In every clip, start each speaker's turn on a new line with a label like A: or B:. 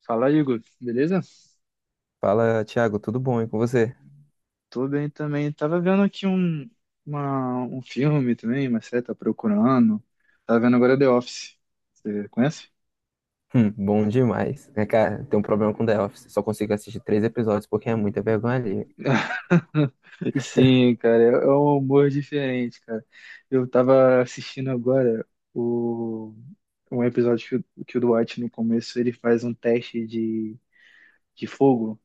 A: Fala, Igor, beleza?
B: Fala, Thiago, tudo bom? E com você?
A: Tô bem também. Tava vendo aqui um filme também, mas você tá procurando. Tava vendo agora The Office. Você conhece?
B: Bom demais. É, cara, tem um problema com The Office. Só consigo assistir três episódios porque é muita vergonha ali.
A: E sim, cara, é um humor diferente, cara. Eu tava assistindo agora o, um episódio que, que o Dwight, no começo, ele faz um teste de fogo.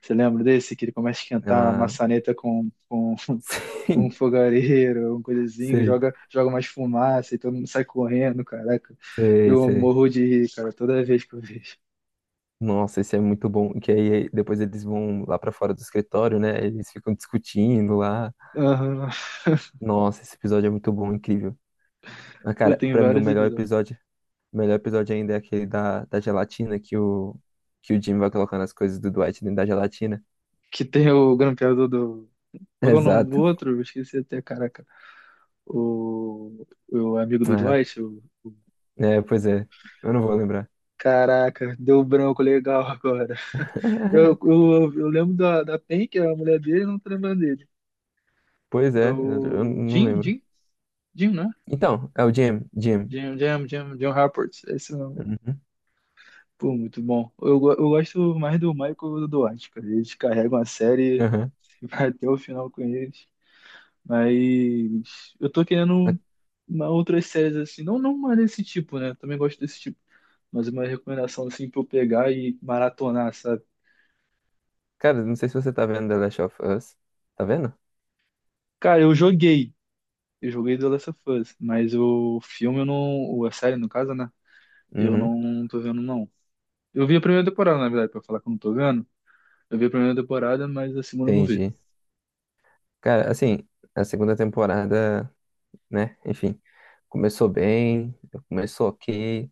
A: Você lembra desse? Que ele começa a esquentar a
B: Ah,
A: maçaneta com um
B: sim,
A: fogareiro, uma coisa assim, que
B: sei,
A: joga, joga mais fumaça e todo mundo sai correndo, caraca.
B: sei,
A: Eu
B: sei.
A: morro de rir, cara, toda vez que eu vejo.
B: Nossa, isso é muito bom. Que aí depois eles vão lá pra fora do escritório, né? Eles ficam discutindo lá.
A: Aham.
B: Nossa, esse episódio é muito bom, incrível. Ah,
A: Pô,
B: cara,
A: tem
B: pra mim
A: vários episódios.
B: o melhor episódio ainda é aquele da gelatina que o Jim vai colocando as coisas do Dwight dentro da gelatina.
A: Que tem o grampeador do. Qual que é o nome do
B: Exato.
A: outro? Eu esqueci até, caraca. O, o amigo do
B: Ah,
A: Dwight.
B: é, pois é. Eu não vou lembrar.
A: Caraca, deu um branco legal agora. Eu, eu, eu lembro da Pen, que é a mulher dele, não tô lembrando dele.
B: Pois
A: É
B: é, eu
A: o
B: não
A: Jim,
B: lembro.
A: Jim, Jim, né?
B: Então, é o Jim, Jim.
A: Jim Rapport, esse.
B: Uhum,
A: Pô, muito bom. Eu gosto mais do Michael do Duarte, cara. Eles carregam a série
B: aham.
A: e vai até o final com eles. Mas eu tô
B: Ah,
A: querendo uma outras séries assim, não, não uma desse tipo, né? Também gosto desse tipo. Mas uma recomendação assim pra eu pegar e maratonar, sabe?
B: cara, não sei se você tá vendo The Last of Us. Tá vendo?
A: Cara, eu joguei. Eu joguei The Last of Us, mas o filme eu não. Ou a série, no caso, né? Eu
B: Uhum,
A: não tô vendo, não. Eu vi a primeira temporada, na verdade, pra falar que eu não tô vendo. Eu vi a primeira temporada, mas a segunda eu não vi.
B: entendi. Cara, assim, a segunda temporada, né? Enfim, começou bem, começou ok,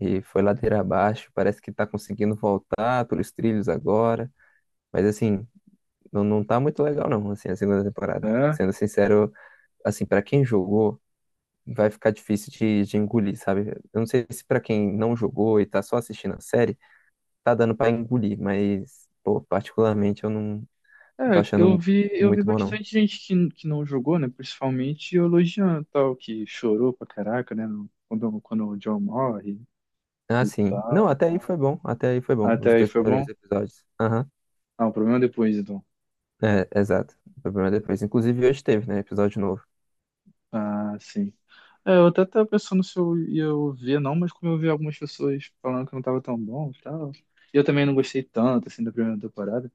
B: e foi ladeira abaixo. Parece que tá conseguindo voltar pelos trilhos agora. Mas, assim, não, não tá muito legal, não, assim, a segunda temporada.
A: É?
B: Sendo sincero, assim, pra quem jogou. Vai ficar difícil de engolir, sabe? Eu não sei se pra quem não jogou e tá só assistindo a série, tá dando pra engolir, mas, pô, particularmente eu não tô
A: É, eu
B: achando
A: vi, eu vi
B: muito bom, não.
A: bastante gente que não jogou, né? Principalmente elogiando tal, que chorou pra caraca, né? Quando o John morre
B: Ah,
A: e
B: sim. Não,
A: tal.
B: até aí foi bom, até aí foi bom,
A: Até
B: os
A: aí
B: dois
A: foi bom?
B: primeiros episódios. Aham,
A: Ah, o problema é depois, então.
B: é, exato. O problema é depois. Inclusive hoje teve, né, episódio novo.
A: Ah, sim. É, eu até tava pensando se eu ia ver, não, mas como eu vi algumas pessoas falando que não tava tão bom e tal. E eu também não gostei tanto, assim, da primeira temporada.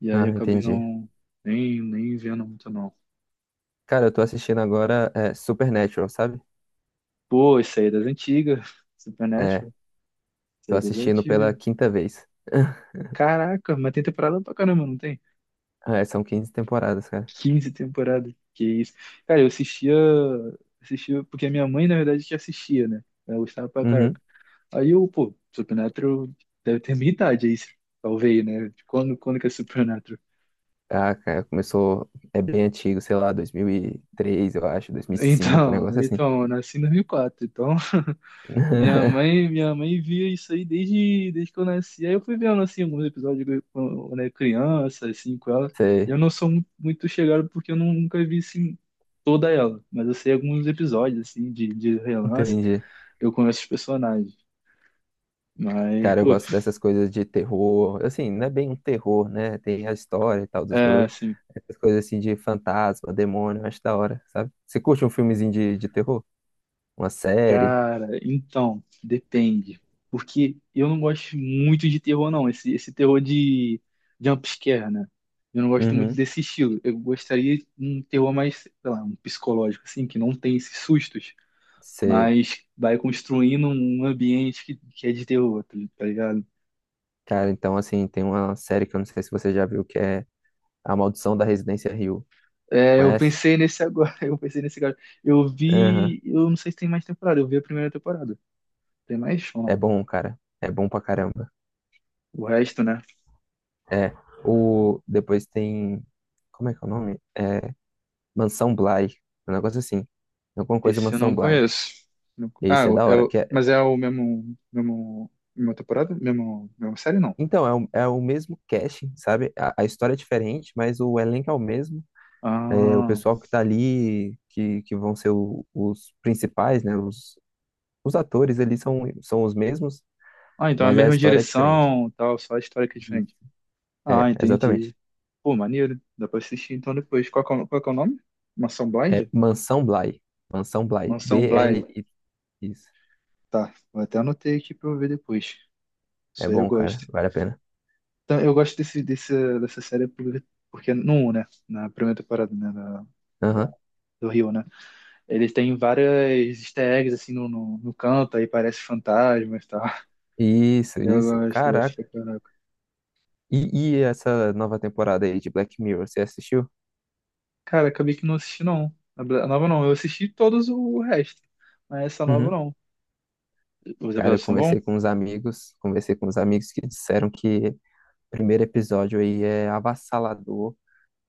A: E aí
B: Ah,
A: acabei
B: entendi.
A: não, nem vendo muito, não.
B: Cara, eu tô assistindo agora é, Supernatural, sabe?
A: Pô, isso aí é das antigas.
B: É,
A: Supernatural. Isso
B: tô
A: aí é das
B: assistindo pela
A: antigas.
B: quinta vez.
A: Caraca, mas tem temporada pra caramba, não tem?
B: É, são 15 temporadas, cara.
A: 15 temporadas. Que isso. Cara, eu assistia, assistia, porque a minha mãe, na verdade, que assistia, né? Ela gostava pra caraca.
B: Uhum.
A: Aí eu, pô, Supernatural deve ter minha idade aí, talvez, né? Quando que é Supernatural?
B: Ah, cara, começou. É bem antigo, sei lá, 2003 eu acho, 2005, um
A: Então,
B: negócio assim.
A: então, eu nasci em 2004, então Minha mãe, minha mãe via isso aí desde que eu nasci. Aí eu fui vendo assim alguns episódios quando eu era criança, assim, com ela.
B: Sei,
A: Eu não sou muito chegado porque eu nunca vi assim toda ela, mas eu sei alguns episódios assim de, relance,
B: entendi.
A: eu conheço os personagens. Mas,
B: Cara, eu
A: pô,
B: gosto dessas coisas de terror. Assim, não é bem um terror, né? Tem a história e tal dos
A: é
B: dois.
A: assim.
B: Essas coisas assim de fantasma, demônio, eu acho da hora, sabe? Você curte um filmezinho de terror? Uma série?
A: Cara, então, depende. Porque eu não gosto muito de terror, não. Esse terror de jumpscare, né? Eu não gosto muito
B: Uhum.
A: desse estilo. Eu gostaria de um terror mais, sei lá, um psicológico, assim, que não tem esses sustos,
B: Sei.
A: mas vai construindo um ambiente que é de terror, tá ligado?
B: Cara, então, assim, tem uma série que eu não sei se você já viu, que é A Maldição da Residência Hill.
A: É, eu
B: Conhece?
A: pensei nesse agora, eu pensei nesse agora. Eu
B: Aham.
A: vi, eu não sei se tem mais temporada, eu vi a primeira temporada. Tem mais ou
B: É
A: não?
B: bom, cara. É bom pra caramba.
A: O resto, né?
B: É, o, depois tem. Como é que é o nome? É, Mansão Bly. Um negócio assim. Alguma coisa
A: Esse eu não
B: Mansão Bly.
A: conheço.
B: E
A: Ah,
B: isso é da hora. Que é-
A: mas é o mesmo, mesmo, mesma temporada? Mesmo, mesma série, não.
B: então, é o mesmo casting, sabe? A história é diferente, mas o elenco é o mesmo. É, o
A: Ah,
B: pessoal que tá ali, que vão ser os principais, né? Os atores ali são os mesmos,
A: ah, então é a
B: mas a
A: mesma
B: história é diferente.
A: direção, tal, só a história que é
B: Isso.
A: diferente.
B: É,
A: Ah, entendi.
B: exatamente.
A: Pô, maneiro. Dá pra assistir então depois. Qual que é o nome? Mansão
B: É
A: Blind?
B: Mansão Bly. Mansão Bly.
A: Mansão Blind.
B: Bly. Isso.
A: Tá, vou até anotei aqui pra eu ver depois.
B: É
A: Isso aí eu
B: bom, cara.
A: gosto.
B: Vale a pena.
A: Então, eu gosto dessa série porque no um, né? Na primeira temporada, né? Da, da-
B: Aham.
A: do Rio, né? Eles têm várias easter eggs assim no canto, aí parece fantasmas e tal.
B: Isso,
A: Eu
B: isso.
A: gosto, eu gosto
B: Caraca.
A: pra caraca.
B: E essa nova temporada aí de Black Mirror, você assistiu?
A: Cara, acabei que não assisti não. A nova não, eu assisti todos o resto. Mas essa nova
B: Uhum.
A: não. Os
B: Cara, eu
A: episódios são
B: conversei com
A: bons?
B: uns amigos, conversei com uns amigos que disseram que o primeiro episódio aí é avassalador,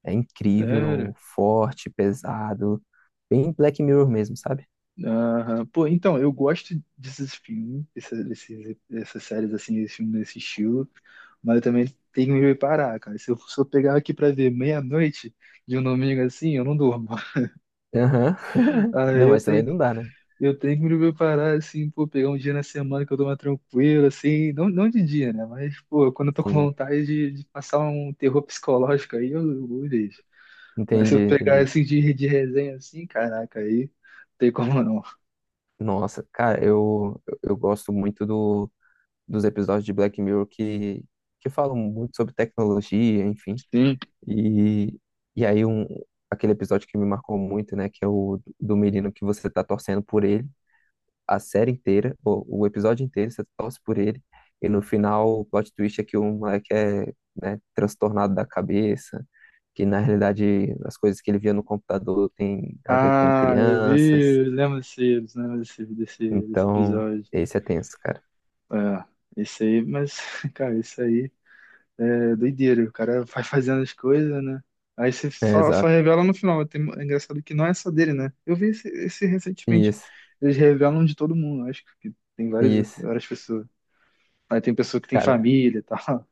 B: é
A: Sério?
B: incrível, forte, pesado, bem Black Mirror mesmo, sabe?
A: Aham. Pô, então, eu gosto desses filmes, desses, dessas séries assim, esse filme desse estilo, mas eu também tenho que me preparar, cara. Se eu pegar aqui pra ver meia-noite de um domingo assim, eu não durmo.
B: Aham.
A: Aí
B: Não,
A: eu
B: mas também
A: tenho
B: não dá, né?
A: Eu tenho que me preparar, assim, pô, pegar um dia na semana que eu tô mais tranquilo assim, não, não de dia, né? Mas, pô, quando eu tô com
B: Sim,
A: vontade de, passar um terror psicológico aí, eu deixo. Mas se
B: entendi,
A: eu pegar,
B: entendi.
A: assim, de resenha, assim, caraca, aí não tem como não.
B: Nossa, cara, eu gosto muito dos episódios de Black Mirror que falam muito sobre tecnologia, enfim.
A: Sim.
B: E, e aí um, aquele episódio que me marcou muito, né, que é o do menino que você tá torcendo por ele a série inteira, o episódio inteiro você torce por ele, e no final o plot twist é que o moleque é, né, transtornado da cabeça, que na realidade as coisas que ele via no computador tem a ver com
A: Ah,
B: crianças.
A: eu lembro desse
B: Então,
A: episódio.
B: esse é tenso, cara.
A: É, esse aí, mas, cara, isso aí é doideira, o cara vai fazendo as coisas, né? Aí você
B: É,
A: só
B: exato.
A: revela no final. É engraçado que não é só dele, né? Eu vi esse recentemente.
B: Isso,
A: Eles revelam de todo mundo, acho que tem várias,
B: isso,
A: várias pessoas. Aí tem pessoa que tem
B: cara.
A: família e tal.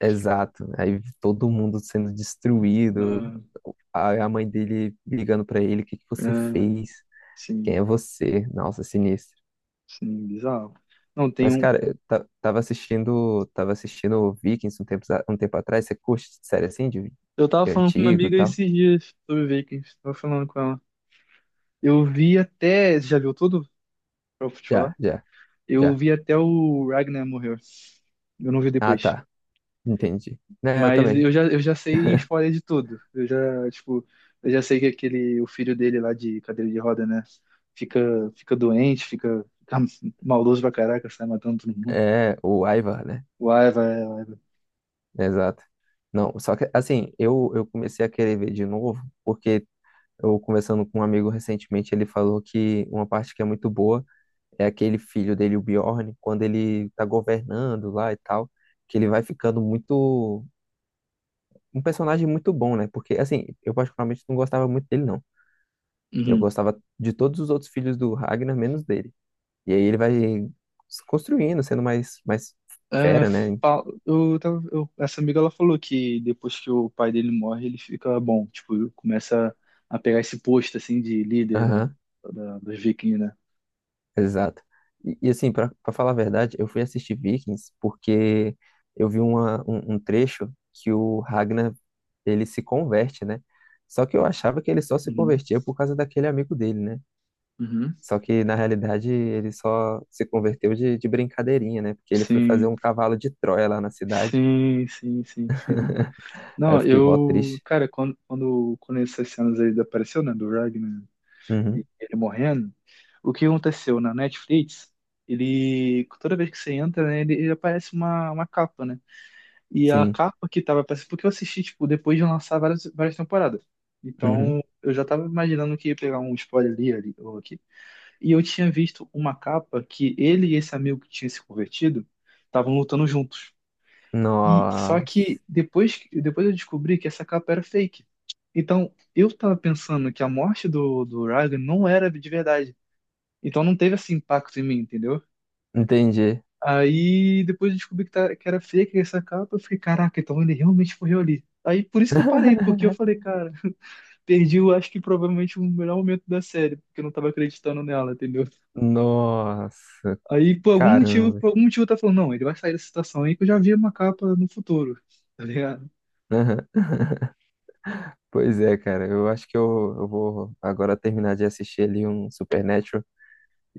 B: Exato. Aí todo mundo sendo destruído,
A: Ah,
B: a mãe dele ligando pra ele, o que que você
A: ah,
B: fez?
A: sim,
B: Quem é você? Nossa, sinistro.
A: sim, bizarro. Não, tem
B: Mas,
A: um.
B: cara, eu tava assistindo, tava assistindo Vikings um tempo atrás. Você curte série assim, de,
A: Eu tava
B: de
A: falando com uma
B: antigo e
A: amiga
B: tal?
A: esses dias sobre Vikings. Tava falando com ela. Eu vi até. Você já viu tudo? Pra eu te
B: Já,
A: falar?
B: já,
A: Eu
B: já.
A: vi até o Ragnar morrer. Eu não vi
B: Ah,
A: depois.
B: tá. Entendi. Né, eu
A: Mas
B: também.
A: eu já sei spoiler de tudo. Eu já, tipo, eu já sei que aquele, o filho dele lá de cadeira de roda, né? Fica, fica doente, fica maldoso pra caraca, sai matando todo mundo.
B: É, o Ivar, né?
A: Uai, vai, vai. Vai.
B: Exato. Não, só que, assim, eu comecei a querer ver de novo, porque eu, conversando com um amigo recentemente, ele falou que uma parte que é muito boa é aquele filho dele, o Bjorn, quando ele tá governando lá e tal, que ele vai ficando muito. Um personagem muito bom, né? Porque, assim, eu particularmente não gostava muito dele, não. Eu
A: Uhum.
B: gostava de todos os outros filhos do Ragnar, menos dele. E aí ele vai se construindo, sendo mais, mais
A: É,
B: fera, né?
A: essa amiga ela falou que depois que o pai dele morre, ele fica bom, tipo, começa a pegar esse posto assim de líder da,
B: Aham,
A: dos vikings, né?
B: exato. E, assim, pra falar a verdade, eu fui assistir Vikings porque eu vi um trecho que o Ragnar ele se converte, né? Só que eu achava que ele só se
A: Uhum.
B: convertia por causa daquele amigo dele, né?
A: Uhum.
B: Só que na realidade ele só se converteu de brincadeirinha, né? Porque ele foi fazer
A: Sim,
B: um cavalo de Troia lá na cidade.
A: sim, sim, sim.
B: Aí eu
A: Não,
B: fiquei mó
A: eu,
B: triste.
A: cara, quando essas cenas aí apareceu, né, do Ragnar e
B: Uhum,
A: ele morrendo, o que aconteceu na Netflix, ele, toda vez que você entra, né, ele aparece uma capa, né, e a
B: sim.
A: capa que tava aparecendo, porque eu assisti, tipo, depois de lançar várias, várias temporadas, então
B: Uhum.
A: eu já tava imaginando que ia pegar um spoiler ali ou aqui, e eu tinha visto uma capa que ele e esse amigo que tinha se convertido estavam lutando juntos. E só
B: Nossa,
A: que depois, depois eu descobri que essa capa era fake. Então, eu tava pensando que a morte do, Ryan não era de verdade. Então não teve esse impacto em mim, entendeu?
B: entendi.
A: Aí depois eu descobri que era fake essa capa, eu fiquei, caraca, então ele realmente morreu ali. Aí por isso que eu parei, porque eu falei, cara, perdi, eu acho que provavelmente o melhor momento da série, porque eu não tava acreditando nela, entendeu?
B: Nossa,
A: Aí por algum motivo,
B: caramba.
A: por algum motivo tá falando, não, ele vai sair dessa situação aí que eu já vi uma capa no futuro, tá ligado?
B: Aham. Pois é, cara. Eu acho que eu vou agora terminar de assistir ali um Supernatural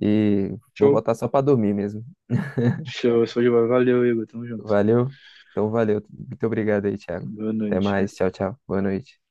B: e vou
A: Show.
B: botar só pra dormir mesmo.
A: Show, show de bola. Valeu, Igor. Tamo junto.
B: Valeu? Então, valeu. Muito obrigado aí, Thiago.
A: Boa
B: Até
A: noite.
B: mais. Tchau, tchau. Boa noite.